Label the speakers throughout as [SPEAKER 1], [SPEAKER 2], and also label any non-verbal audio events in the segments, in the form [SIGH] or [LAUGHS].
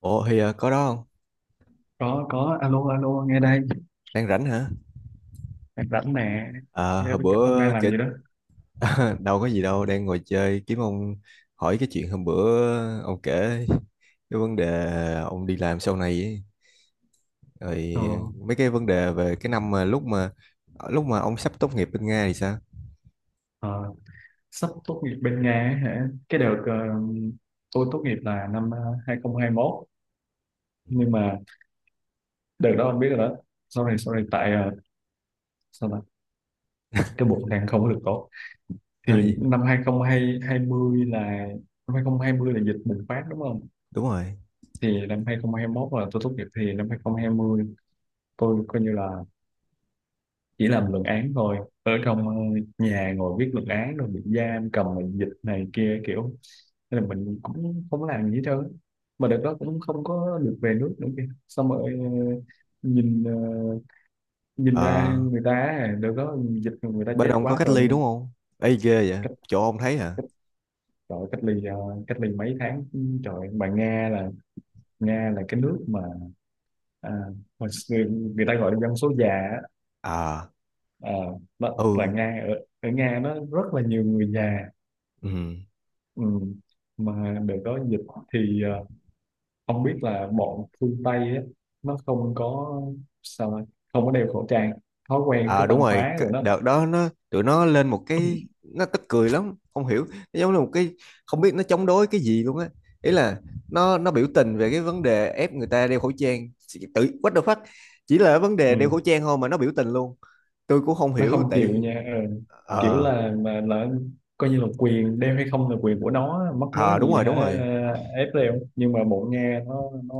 [SPEAKER 1] Ủa thì có đó không?
[SPEAKER 2] Có alo alo nghe đây.
[SPEAKER 1] Đang rảnh hả?
[SPEAKER 2] Đang rảnh nè.
[SPEAKER 1] À,
[SPEAKER 2] Nghe
[SPEAKER 1] hồi
[SPEAKER 2] bên cạnh ông
[SPEAKER 1] bữa
[SPEAKER 2] đang làm
[SPEAKER 1] kể.
[SPEAKER 2] gì đó.
[SPEAKER 1] [LAUGHS] Đâu có gì đâu, đang ngồi chơi kiếm ông hỏi cái chuyện hôm bữa ông kể cái vấn đề ông đi làm sau này ấy.
[SPEAKER 2] ờ,
[SPEAKER 1] Rồi mấy cái vấn đề về cái năm mà lúc mà ông sắp tốt nghiệp bên Nga thì sao?
[SPEAKER 2] ờ, Sắp tốt nghiệp bên Nga ấy hả? Cái đợt, tôi tốt nghiệp là năm, 2021. Nhưng mà đợt đó ông biết rồi đó. Sau này tại, sao ta, cái bộ đang không có được tốt. Thì
[SPEAKER 1] Rồi,
[SPEAKER 2] năm 2020 là, năm 2020 là dịch bùng phát, đúng không?
[SPEAKER 1] [LAUGHS] đúng rồi.
[SPEAKER 2] Thì năm 2021 là tôi tốt nghiệp, thì năm 2020 tôi coi như là chỉ làm luận án thôi, ở trong, nhà ngồi viết luận án, rồi bị giam cầm mình dịch này kia kiểu, nên là mình cũng không có làm gì hết trơn á. Mà đợt đó cũng không có được về nước nữa kìa. Xong rồi, nhìn ờ, nhìn ra
[SPEAKER 1] Ờ,
[SPEAKER 2] người ta á, đợt đó dịch người ta
[SPEAKER 1] Bên
[SPEAKER 2] chết
[SPEAKER 1] ông có
[SPEAKER 2] quá
[SPEAKER 1] cách ly
[SPEAKER 2] rồi.
[SPEAKER 1] đúng không? Ê ghê vậy,
[SPEAKER 2] Cách
[SPEAKER 1] chỗ ông thấy hả?
[SPEAKER 2] cách Trời, cách ly mấy tháng trời. Mà Nga là, cái nước mà, à, mà người ta gọi là dân số già á.
[SPEAKER 1] À,
[SPEAKER 2] À, đó,
[SPEAKER 1] ừ,
[SPEAKER 2] là Nga ở, Ở Nga nó rất là nhiều người già.
[SPEAKER 1] ừ.
[SPEAKER 2] Ừ. Mà để có dịch thì, không biết là bọn phương Tây á, nó không có, sao nói, không có đeo khẩu trang, thói quen
[SPEAKER 1] À
[SPEAKER 2] cái
[SPEAKER 1] đúng
[SPEAKER 2] văn
[SPEAKER 1] rồi,
[SPEAKER 2] hóa
[SPEAKER 1] cái
[SPEAKER 2] rồi đó.
[SPEAKER 1] đợt đó tụi nó lên một cái nó tức cười lắm, không hiểu, nó giống như một cái không biết nó chống đối cái gì luôn á. Ý là nó biểu tình về cái vấn đề ép người ta đeo khẩu trang, tự what the fuck, chỉ là vấn đề đeo khẩu
[SPEAKER 2] Ừ.
[SPEAKER 1] trang thôi mà nó biểu tình luôn. Tôi cũng không
[SPEAKER 2] Nó
[SPEAKER 1] hiểu
[SPEAKER 2] không chịu
[SPEAKER 1] tại
[SPEAKER 2] nha. Ừ. Kiểu
[SPEAKER 1] ờ
[SPEAKER 2] là, mà là, coi như là quyền đeo hay không là quyền của nó, mắc mớ
[SPEAKER 1] à, đúng
[SPEAKER 2] gì
[SPEAKER 1] rồi,
[SPEAKER 2] hả
[SPEAKER 1] đúng rồi.
[SPEAKER 2] ép đeo. Nhưng mà bọn Nga nó,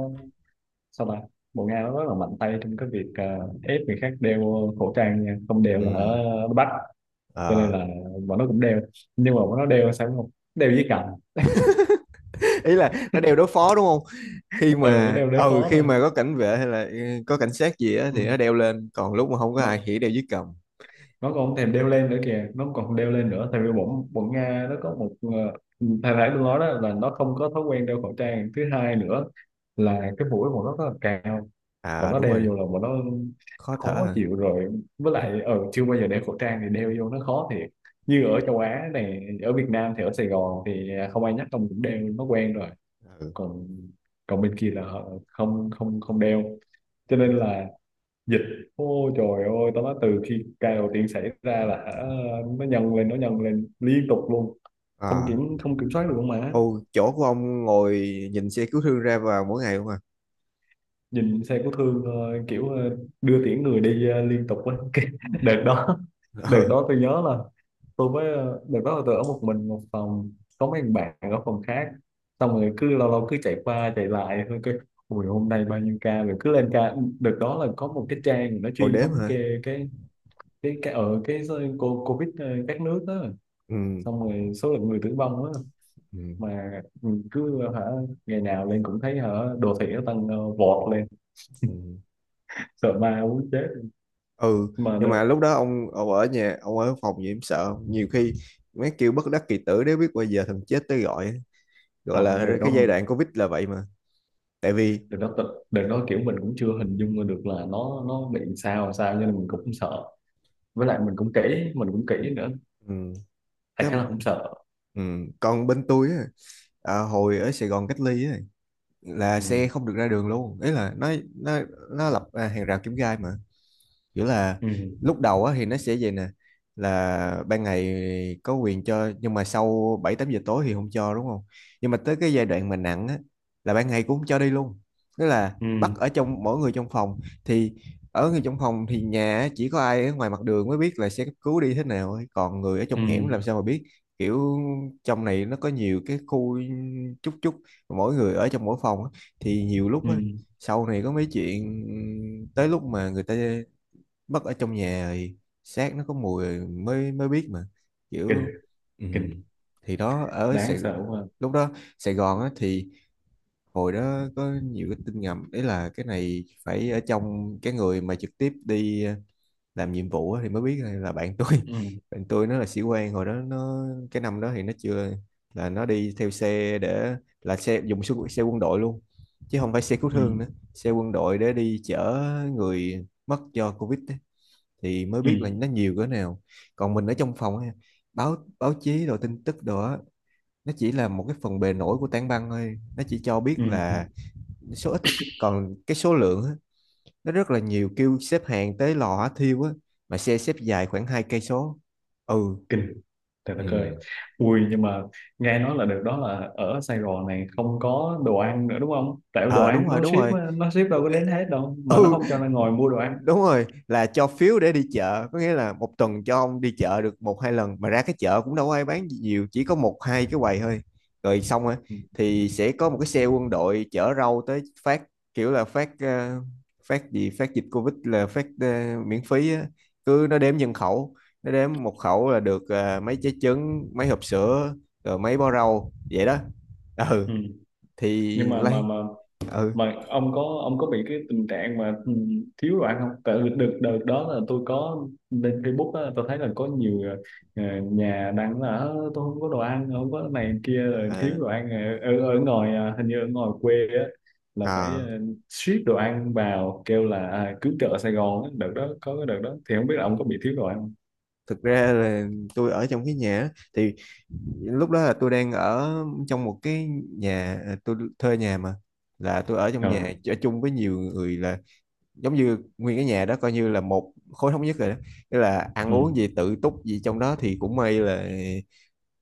[SPEAKER 2] sao ta, bọn Nga nó rất là mạnh tay trong cái việc, ép người khác đeo khẩu trang nha. Không đeo
[SPEAKER 1] Ừ,
[SPEAKER 2] là hả nó bắt. Cho nên
[SPEAKER 1] ờ.
[SPEAKER 2] là bọn nó cũng đeo, nhưng mà bọn nó đeo sao cũng không đeo với cặp.
[SPEAKER 1] [LAUGHS] Ý là nó đeo đối phó đúng không? Khi
[SPEAKER 2] Ừ,
[SPEAKER 1] mà
[SPEAKER 2] đeo đối phó
[SPEAKER 1] khi
[SPEAKER 2] thôi.
[SPEAKER 1] mà có cảnh vệ hay là có cảnh sát gì á
[SPEAKER 2] Ừ.
[SPEAKER 1] thì nó đeo lên, còn lúc mà không có ai
[SPEAKER 2] nó,
[SPEAKER 1] thì đeo dưới cầm.
[SPEAKER 2] nó còn không thèm đeo lên nữa kìa, nó còn không đeo lên nữa, tại vì bọn bọn Nga nó có một, thầy phải tôi nói đó là nó không có thói quen đeo khẩu trang. Thứ hai nữa là cái mũi bọn nó rất là cao, bọn
[SPEAKER 1] À
[SPEAKER 2] nó
[SPEAKER 1] đúng
[SPEAKER 2] đeo
[SPEAKER 1] rồi,
[SPEAKER 2] vô là bọn nó
[SPEAKER 1] khó thở
[SPEAKER 2] khó
[SPEAKER 1] hả?
[SPEAKER 2] chịu rồi. Với lại chưa bao giờ đeo khẩu trang, thì đeo vô nó khó thiệt. Như ở châu Á này, ở Việt Nam thì ở Sài Gòn thì không ai nhắc ông cũng đeo, nó quen rồi.
[SPEAKER 1] Ừ.
[SPEAKER 2] Còn còn bên kia là họ không không không đeo, cho nên là dịch, ôi trời ơi, tao nói từ khi ca đầu tiên xảy ra là hả, nó nhân lên, nó nhân lên liên tục luôn.
[SPEAKER 1] À,
[SPEAKER 2] Không kiểm soát được luôn. Mà
[SPEAKER 1] ô, chỗ của ông ngồi nhìn xe cứu thương ra vào mỗi ngày không à?
[SPEAKER 2] nhìn xe của Thương, kiểu, đưa tiễn người đi, liên tục á. [LAUGHS] Cái đợt đó đợt
[SPEAKER 1] [LAUGHS]
[SPEAKER 2] đó
[SPEAKER 1] Ừ,
[SPEAKER 2] tôi nhớ là, đợt đó là tôi ở một mình một phòng, có mấy thằng bạn ở phòng khác, xong rồi cứ lâu lâu cứ chạy qua chạy lại thôi. Cái ui, hôm nay bao nhiêu ca rồi, cứ lên ca. Đợt đó là có một cái trang nó
[SPEAKER 1] ngồi
[SPEAKER 2] chuyên
[SPEAKER 1] đếm
[SPEAKER 2] thống
[SPEAKER 1] hả?
[SPEAKER 2] kê cái, ở cái covid, các nước đó,
[SPEAKER 1] Ừ,
[SPEAKER 2] xong rồi số lượng người tử vong á,
[SPEAKER 1] ừ,
[SPEAKER 2] mà mình cứ hả, ngày nào lên cũng thấy hả đồ thị nó tăng, vọt lên.
[SPEAKER 1] ừ.
[SPEAKER 2] Sợ ma muốn chết.
[SPEAKER 1] Ừ,
[SPEAKER 2] Mà
[SPEAKER 1] nhưng
[SPEAKER 2] đợt,
[SPEAKER 1] mà lúc đó ông ở nhà, ông ở phòng gì em sợ không? Nhiều khi mấy kêu bất đắc kỳ tử nếu biết bao giờ thằng chết tới gọi á. Gọi
[SPEAKER 2] không,
[SPEAKER 1] là cái giai đoạn Covid là vậy mà. Tại vì,
[SPEAKER 2] đợt đó kiểu mình cũng chưa hình dung ra được là nó bị sao sao, cho nên mình cũng sợ. Với lại mình cũng kỹ, nữa,
[SPEAKER 1] ừ,
[SPEAKER 2] tại
[SPEAKER 1] chắc,
[SPEAKER 2] khá là không sợ.
[SPEAKER 1] ừ, còn bên tôi á, hồi ở Sài Gòn cách ly á, là xe
[SPEAKER 2] Ừ.
[SPEAKER 1] không được ra đường luôn. Ý là nó, nó lập hàng rào kim gai mà kiểu là
[SPEAKER 2] Ừ.
[SPEAKER 1] lúc đầu á thì nó sẽ vậy nè, là ban ngày có quyền cho nhưng mà sau 7, 8 giờ tối thì không cho đúng không, nhưng mà tới cái giai đoạn mà nặng á là ban ngày cũng không cho đi luôn, tức là bắt
[SPEAKER 2] Ừ.
[SPEAKER 1] ở trong mỗi người trong phòng thì ở người trong phòng thì nhà á, chỉ có ai ở ngoài mặt đường mới biết là xe cấp cứu đi thế nào ấy. Còn người ở
[SPEAKER 2] Ừ.
[SPEAKER 1] trong hẻm làm sao mà biết, kiểu trong này nó có nhiều cái khu chút chút, mỗi người ở trong mỗi phòng á, thì nhiều lúc
[SPEAKER 2] Ừ.
[SPEAKER 1] á sau này có mấy chuyện tới lúc mà người ta mất ở trong nhà thì xác nó có mùi rồi mới mới biết mà
[SPEAKER 2] Kinh,
[SPEAKER 1] kiểu ừ.
[SPEAKER 2] kinh,
[SPEAKER 1] Thì đó ở Sài,
[SPEAKER 2] đáng sợ quá.
[SPEAKER 1] lúc đó Sài Gòn á, thì hồi đó có nhiều cái tin ngầm đấy là cái này phải ở trong cái người mà trực tiếp đi làm nhiệm vụ á, thì mới biết. Hay là bạn tôi [LAUGHS]
[SPEAKER 2] Ừ.
[SPEAKER 1] bạn tôi nó là sĩ quan hồi đó nó cái năm đó thì nó chưa, là nó đi theo xe để là xe dùng xe quân đội luôn chứ không phải xe cứu
[SPEAKER 2] Ừ.
[SPEAKER 1] thương nữa, xe quân đội để đi chở người mất do Covid ấy thì mới
[SPEAKER 2] Ừ.
[SPEAKER 1] biết là nó nhiều cỡ nào. Còn mình ở trong phòng á, báo báo chí rồi tin tức đồ á nó chỉ là một cái phần bề nổi của tảng băng thôi, nó chỉ cho biết
[SPEAKER 2] Ừ.
[SPEAKER 1] là số ít thôi. Còn cái số lượng á, nó rất là nhiều, kêu xếp hàng tới lò hỏa thiêu á mà xe xếp dài khoảng 2 cây số. Ừ
[SPEAKER 2] Kinh. Trời đất cười.
[SPEAKER 1] ừ
[SPEAKER 2] Ui, nhưng mà nghe nói là được đó là ở Sài Gòn này không có đồ ăn nữa đúng không? Tại đồ
[SPEAKER 1] ờ
[SPEAKER 2] ăn
[SPEAKER 1] đúng rồi
[SPEAKER 2] nó ship đâu có đến hết đâu mà nó
[SPEAKER 1] ừ
[SPEAKER 2] không cho nên ngồi mua đồ ăn.
[SPEAKER 1] đúng rồi là cho phiếu để đi chợ, có nghĩa là một tuần cho ông đi chợ được một hai lần mà ra cái chợ cũng đâu có ai bán gì nhiều, chỉ có một hai cái quầy thôi rồi xong rồi
[SPEAKER 2] Ừ.
[SPEAKER 1] thì sẽ có một cái xe quân đội chở rau tới phát, kiểu là phát phát gì phát dịch Covid là phát miễn phí á. Cứ nó đếm nhân khẩu, nó đếm một khẩu là được mấy trái trứng mấy hộp sữa rồi mấy bó rau vậy đó ừ
[SPEAKER 2] Ừ.
[SPEAKER 1] thì
[SPEAKER 2] Nhưng
[SPEAKER 1] lấy ừ
[SPEAKER 2] mà ông có bị cái tình trạng mà, ừ, thiếu đồ ăn không? Tại vì đợt đợt đó là tôi có lên Facebook á, tôi thấy là có nhiều, nhà đăng là "Ơ, tôi không có đồ ăn, không có này kia, rồi thiếu
[SPEAKER 1] à,
[SPEAKER 2] đồ ăn". Ờ, ở ở ngoài, hình như ở ngoài quê á, là phải,
[SPEAKER 1] à.
[SPEAKER 2] ship đồ ăn vào, kêu là, cứu trợ Sài Gòn á. Đợt đó, có cái đợt đó thì không biết là ông có bị thiếu đồ ăn không?
[SPEAKER 1] Thực ra là tôi ở trong cái nhà á, thì lúc đó là tôi đang ở trong một cái nhà à, tôi thuê nhà mà là tôi ở trong nhà
[SPEAKER 2] Ờ.
[SPEAKER 1] ở chung với nhiều người, là giống như nguyên cái nhà đó coi như là một khối thống nhất rồi đó, tức là ăn
[SPEAKER 2] Ừ,
[SPEAKER 1] uống gì tự túc gì trong đó thì cũng may là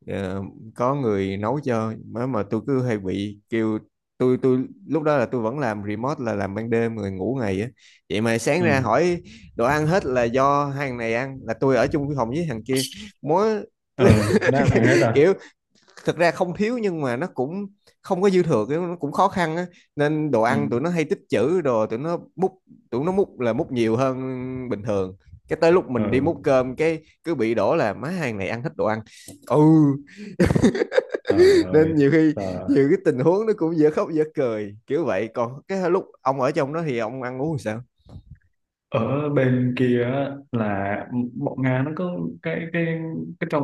[SPEAKER 1] ờ, có người nấu cho mà tôi cứ hay bị kêu, tôi lúc đó là tôi vẫn làm remote là làm ban đêm người ngủ ngày á vậy mà sáng
[SPEAKER 2] ừ,
[SPEAKER 1] ra
[SPEAKER 2] ừ.
[SPEAKER 1] hỏi đồ ăn hết là do hai thằng này ăn, là tôi ở chung cái phòng với thằng kia mỗi
[SPEAKER 2] Ờ, nó ăn hết
[SPEAKER 1] [LAUGHS]
[SPEAKER 2] rồi.
[SPEAKER 1] kiểu thực ra không thiếu nhưng mà nó cũng không có dư thừa cái nó cũng khó khăn á nên đồ
[SPEAKER 2] Ừ.
[SPEAKER 1] ăn tụi nó hay tích trữ đồ tụi nó múc, tụi nó múc là múc nhiều hơn bình thường, cái tới lúc
[SPEAKER 2] Ờ,
[SPEAKER 1] mình đi múc cơm cái cứ bị đổ là má hàng này ăn hết đồ ăn ừ
[SPEAKER 2] trời
[SPEAKER 1] nên
[SPEAKER 2] ơi.
[SPEAKER 1] nhiều khi
[SPEAKER 2] Ờ.
[SPEAKER 1] nhiều cái tình huống nó cũng dở khóc dở cười kiểu vậy, còn cái lúc ông ở trong đó thì ông ăn uống sao
[SPEAKER 2] Ở bên kia á, là bọn Nga nó có cái, trong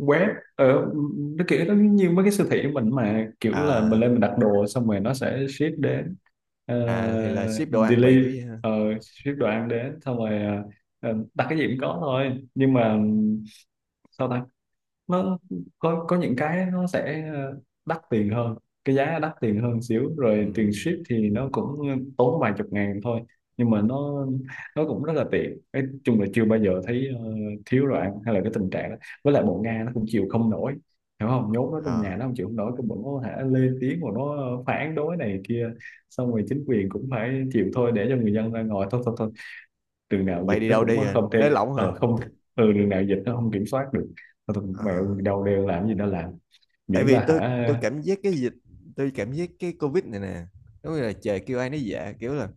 [SPEAKER 2] web ở, nó kiểu nó như mấy cái siêu thị của mình mà, kiểu là mình
[SPEAKER 1] à
[SPEAKER 2] lên mình đặt đồ xong rồi nó sẽ ship đến. Ờ,
[SPEAKER 1] à thì là ship đồ ăn vậy kiểu
[SPEAKER 2] deliver,
[SPEAKER 1] vậy ha
[SPEAKER 2] ờ, ship đồ ăn đến, xong rồi, đặt cái gì cũng có thôi. Nhưng mà sao ta, nó có những cái nó sẽ, đắt tiền hơn, cái giá đắt tiền hơn xíu,
[SPEAKER 1] ừ.
[SPEAKER 2] rồi tiền ship thì nó cũng tốn vài chục ngàn thôi. Nhưng mà nó cũng rất là tiện. Nói chung là chưa bao giờ thấy, thiếu đồ ăn hay là cái tình trạng đó. Với lại
[SPEAKER 1] Ừ.
[SPEAKER 2] bộ Nga nó cũng chịu không nổi, hiểu không, nhốt nó trong nhà
[SPEAKER 1] À,
[SPEAKER 2] nó không chịu không nổi, cái bộ nó hả lên tiếng mà nó phản đối này kia. Xong rồi chính quyền cũng phải chịu thôi, để cho người dân ra ngồi thôi thôi thôi, đường
[SPEAKER 1] tụi
[SPEAKER 2] nào
[SPEAKER 1] bay
[SPEAKER 2] dịch
[SPEAKER 1] đi
[SPEAKER 2] nó
[SPEAKER 1] đâu
[SPEAKER 2] cũng
[SPEAKER 1] đi hả
[SPEAKER 2] không thể,
[SPEAKER 1] nới lỏng hả
[SPEAKER 2] không, ừ, đường nào dịch nó không kiểm soát được. Thôi thôi,
[SPEAKER 1] à.
[SPEAKER 2] đâu đeo làm gì nó làm,
[SPEAKER 1] Tại
[SPEAKER 2] miễn
[SPEAKER 1] vì
[SPEAKER 2] là
[SPEAKER 1] tôi
[SPEAKER 2] hả.
[SPEAKER 1] tôi cảm giác cái dịch, tôi cảm giác cái covid này nè giống như là trời kêu ai nấy dạ, kiểu là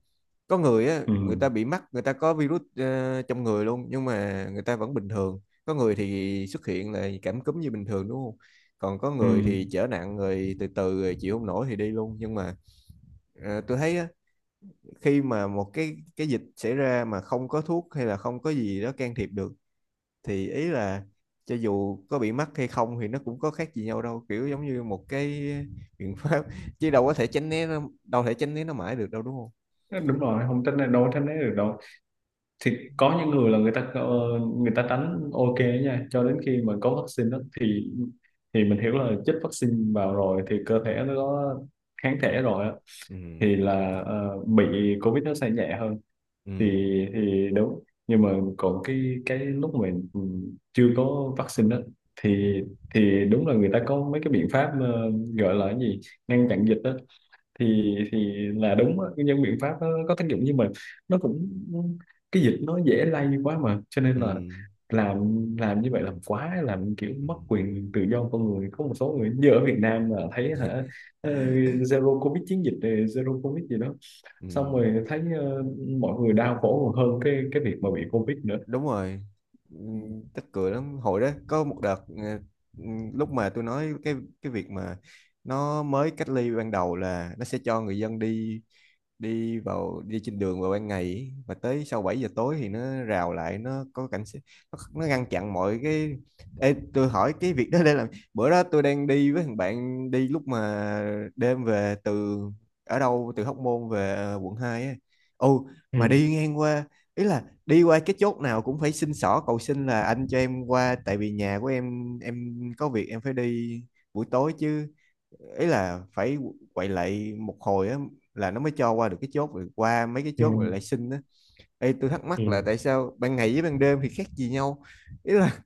[SPEAKER 1] có người á
[SPEAKER 2] Ừ.
[SPEAKER 1] người ta bị mắc, người ta có virus trong người luôn nhưng mà người ta vẫn bình thường, có người thì xuất hiện là cảm cúm như bình thường đúng không, còn có
[SPEAKER 2] Ừ.
[SPEAKER 1] người thì trở nặng rồi từ từ rồi chịu không nổi thì đi luôn. Nhưng mà tôi thấy á, khi mà một cái dịch xảy ra mà không có thuốc hay là không có gì đó can thiệp được thì ý là cho dù có bị mắc hay không thì nó cũng có khác gì nhau đâu, kiểu giống như một cái biện pháp [LAUGHS] chứ đâu có thể tránh né nó, đâu thể tránh né nó mãi được đâu đúng không
[SPEAKER 2] Ờ, đúng rồi, không tránh né- đâu tránh né được đâu. Thì có những người là người ta tránh, ok nha, cho đến khi mà có vaccine đó thì mình hiểu là chích vaccine vào rồi thì cơ thể nó có kháng thể
[SPEAKER 1] ừ.
[SPEAKER 2] rồi á,
[SPEAKER 1] Ừ.
[SPEAKER 2] thì là, bị covid nó sẽ nhẹ hơn. thì
[SPEAKER 1] Ừ.
[SPEAKER 2] thì đúng, nhưng mà còn cái lúc mà, ừ, chưa có vaccine đó
[SPEAKER 1] Ừ.
[SPEAKER 2] thì thì đúng là người ta có mấy cái biện pháp, gọi là cái gì, ngăn chặn dịch đó thì là đúng á. Những biện pháp đó có tác dụng, nhưng mà nó cũng, cái dịch nó dễ lây quá mà, cho nên
[SPEAKER 1] Ừ.
[SPEAKER 2] là làm, như vậy, làm quá làm kiểu
[SPEAKER 1] Ừ.
[SPEAKER 2] mất quyền tự do con người. Có một số người như ở Việt Nam là thấy hả, ờ, zero covid, chiến dịch, zero covid gì đó,
[SPEAKER 1] Ừ.
[SPEAKER 2] xong rồi thấy, mọi người đau khổ còn hơn cái, việc mà bị Covid nữa.
[SPEAKER 1] Đúng rồi. Ừ, tức cười lắm hồi đó có một đợt ừ, lúc mà tôi nói cái việc mà nó mới cách ly ban đầu là nó sẽ cho người dân đi đi vào đi trên đường vào ban ngày ấy, và tới sau 7 giờ tối thì nó rào lại nó có cảnh sát, nó ngăn chặn mọi cái. Ê, tôi hỏi cái việc đó để làm, bữa đó tôi đang đi với thằng bạn đi lúc mà đêm về từ ở đâu từ Hóc Môn về quận 2 ấy. Ồ mà
[SPEAKER 2] Ừ.
[SPEAKER 1] đi ngang qua, ý là đi qua cái chốt nào cũng phải xin xỏ cầu xin là anh cho em qua tại vì nhà của em có việc em phải đi buổi tối chứ, ý là phải quậy lại một hồi á là nó mới cho qua được cái chốt, rồi qua mấy cái
[SPEAKER 2] Ừ.
[SPEAKER 1] chốt rồi lại xin á. Ê, tôi thắc mắc là
[SPEAKER 2] Ừ.
[SPEAKER 1] tại sao ban ngày với ban đêm thì khác gì nhau, ý là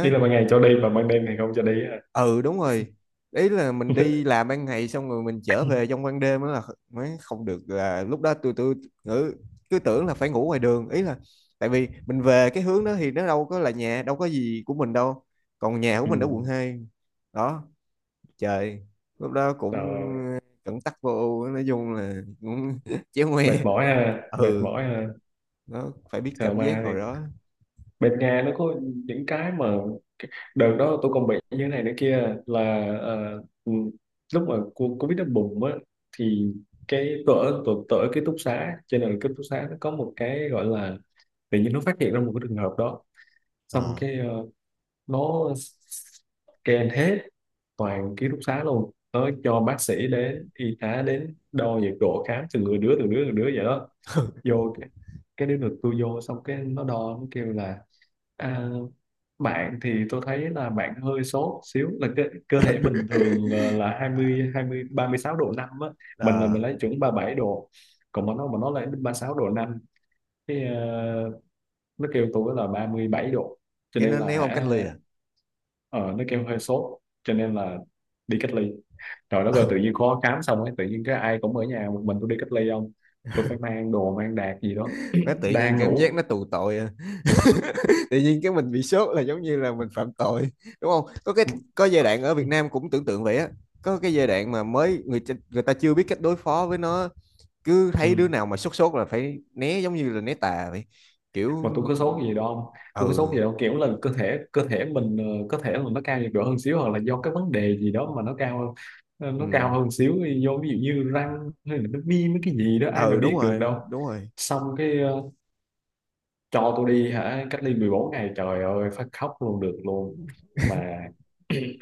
[SPEAKER 2] Ý là ban ngày cho đi và ban đêm thì không cho đi ha.
[SPEAKER 1] ừ đúng rồi, ý là mình đi
[SPEAKER 2] [LAUGHS]
[SPEAKER 1] làm ban ngày xong rồi mình trở về trong ban đêm đó là mới không được, là lúc đó tôi ngữ cứ tưởng là phải ngủ ngoài đường, ý là tại vì mình về cái hướng đó thì nó đâu có là nhà đâu có gì của mình đâu, còn nhà của mình ở quận
[SPEAKER 2] Ừ.
[SPEAKER 1] 2 đó trời lúc đó cũng
[SPEAKER 2] Rồi,
[SPEAKER 1] cẩn tắc vô ưu nói chung là cũng [LAUGHS] chéo ngoe
[SPEAKER 2] mệt mỏi ha, mệt
[SPEAKER 1] ừ
[SPEAKER 2] mỏi ha.
[SPEAKER 1] nó phải biết
[SPEAKER 2] Thờ
[SPEAKER 1] cảm giác
[SPEAKER 2] ma thì
[SPEAKER 1] hồi đó
[SPEAKER 2] bên Nga nó có những cái mà đợt đó tôi còn bị như thế này nữa kia là, ờ, ừ, lúc mà Covid nó bùng á thì, cái tôi ở ký túc xá, cho nên là ký túc xá nó có một cái gọi là, tự nhiên nó phát hiện ra một cái trường hợp đó, xong
[SPEAKER 1] ờ
[SPEAKER 2] cái, nó scan hết toàn ký túc xá luôn, nó cho bác sĩ đến, y tá đến, đo nhiệt độ khám từng người đứa từng đứa từng đứa vậy đó. Vô cái đứa được tôi vô, xong cái nó đo, nó kêu là, à, bạn thì tôi thấy là bạn hơi sốt xíu. Là cơ thể bình thường
[SPEAKER 1] [LAUGHS]
[SPEAKER 2] là
[SPEAKER 1] À,
[SPEAKER 2] hai mươi 36,5 độ á. Mình là mình
[SPEAKER 1] ờ,
[SPEAKER 2] lấy chuẩn 37 độ, còn mà nó lấy 36,5 độ, cái, nó kêu tôi là 37 độ, cho
[SPEAKER 1] cái
[SPEAKER 2] nên
[SPEAKER 1] nó
[SPEAKER 2] là
[SPEAKER 1] ném ông cách
[SPEAKER 2] hả,
[SPEAKER 1] ly à
[SPEAKER 2] ờ nó kêu hơi sốt, cho nên là đi cách ly. Rồi đó, rồi tự
[SPEAKER 1] ừ.
[SPEAKER 2] nhiên khó khám xong ấy, tự nhiên cái ai cũng ở nhà, một mình tôi đi cách ly không, tôi phải mang đồ mang đạc gì đó,
[SPEAKER 1] [LAUGHS] Nó tự nhiên
[SPEAKER 2] đang
[SPEAKER 1] cảm giác
[SPEAKER 2] ngủ.
[SPEAKER 1] nó tù tội à. [LAUGHS] Tự nhiên cái mình bị sốt là giống như là mình phạm tội đúng không, có cái có giai đoạn ở Việt Nam cũng tưởng tượng vậy á, có cái giai đoạn mà mới người ta chưa biết cách đối phó với nó, cứ thấy đứa
[SPEAKER 2] Ừ.
[SPEAKER 1] nào mà sốt sốt là phải né giống như là né tà vậy kiểu
[SPEAKER 2] Mà tôi có sốt gì đâu không, tôi có sốt
[SPEAKER 1] ừ
[SPEAKER 2] gì đâu, kiểu là cơ thể mình, có thể là nó cao nhiệt độ hơn xíu, hoặc là do cái vấn đề gì đó mà nó cao hơn,
[SPEAKER 1] ừ
[SPEAKER 2] nó cao hơn xíu, do ví dụ như răng hay là nó viêm cái gì đó, ai mà
[SPEAKER 1] ừ
[SPEAKER 2] biết được đâu.
[SPEAKER 1] đúng rồi
[SPEAKER 2] Xong cái, cho tôi đi hả cách ly 14 ngày, trời ơi phát khóc luôn được luôn. Mà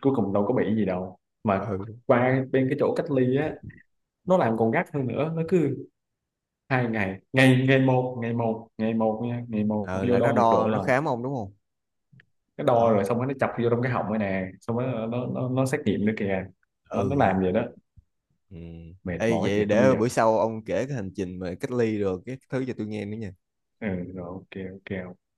[SPEAKER 2] cuối cùng đâu có bị gì đâu. Mà
[SPEAKER 1] ừ
[SPEAKER 2] qua bên cái chỗ cách ly á, nó làm còn gắt hơn nữa, nó cứ hai ngày ngày ngày một, ngày một, ngày một nha, ngày một
[SPEAKER 1] ừ
[SPEAKER 2] vô
[SPEAKER 1] là nó
[SPEAKER 2] đo nhiệt độ
[SPEAKER 1] đo nó
[SPEAKER 2] lần.
[SPEAKER 1] khám ông đúng không
[SPEAKER 2] Cái đo rồi,
[SPEAKER 1] đó
[SPEAKER 2] xong rồi nó chọc vô trong cái họng rồi nè, xong rồi nó xét nghiệm nữa kìa. Nó
[SPEAKER 1] ừ
[SPEAKER 2] làm vậy đó,
[SPEAKER 1] ừ
[SPEAKER 2] mệt
[SPEAKER 1] Ê,
[SPEAKER 2] mỏi
[SPEAKER 1] vậy
[SPEAKER 2] thiệt đó bây
[SPEAKER 1] để
[SPEAKER 2] giờ.
[SPEAKER 1] bữa sau ông kể cái hành trình mà cách ly rồi cái thứ cho tôi nghe nữa nha.
[SPEAKER 2] Ừ. Rồi ok ok ok.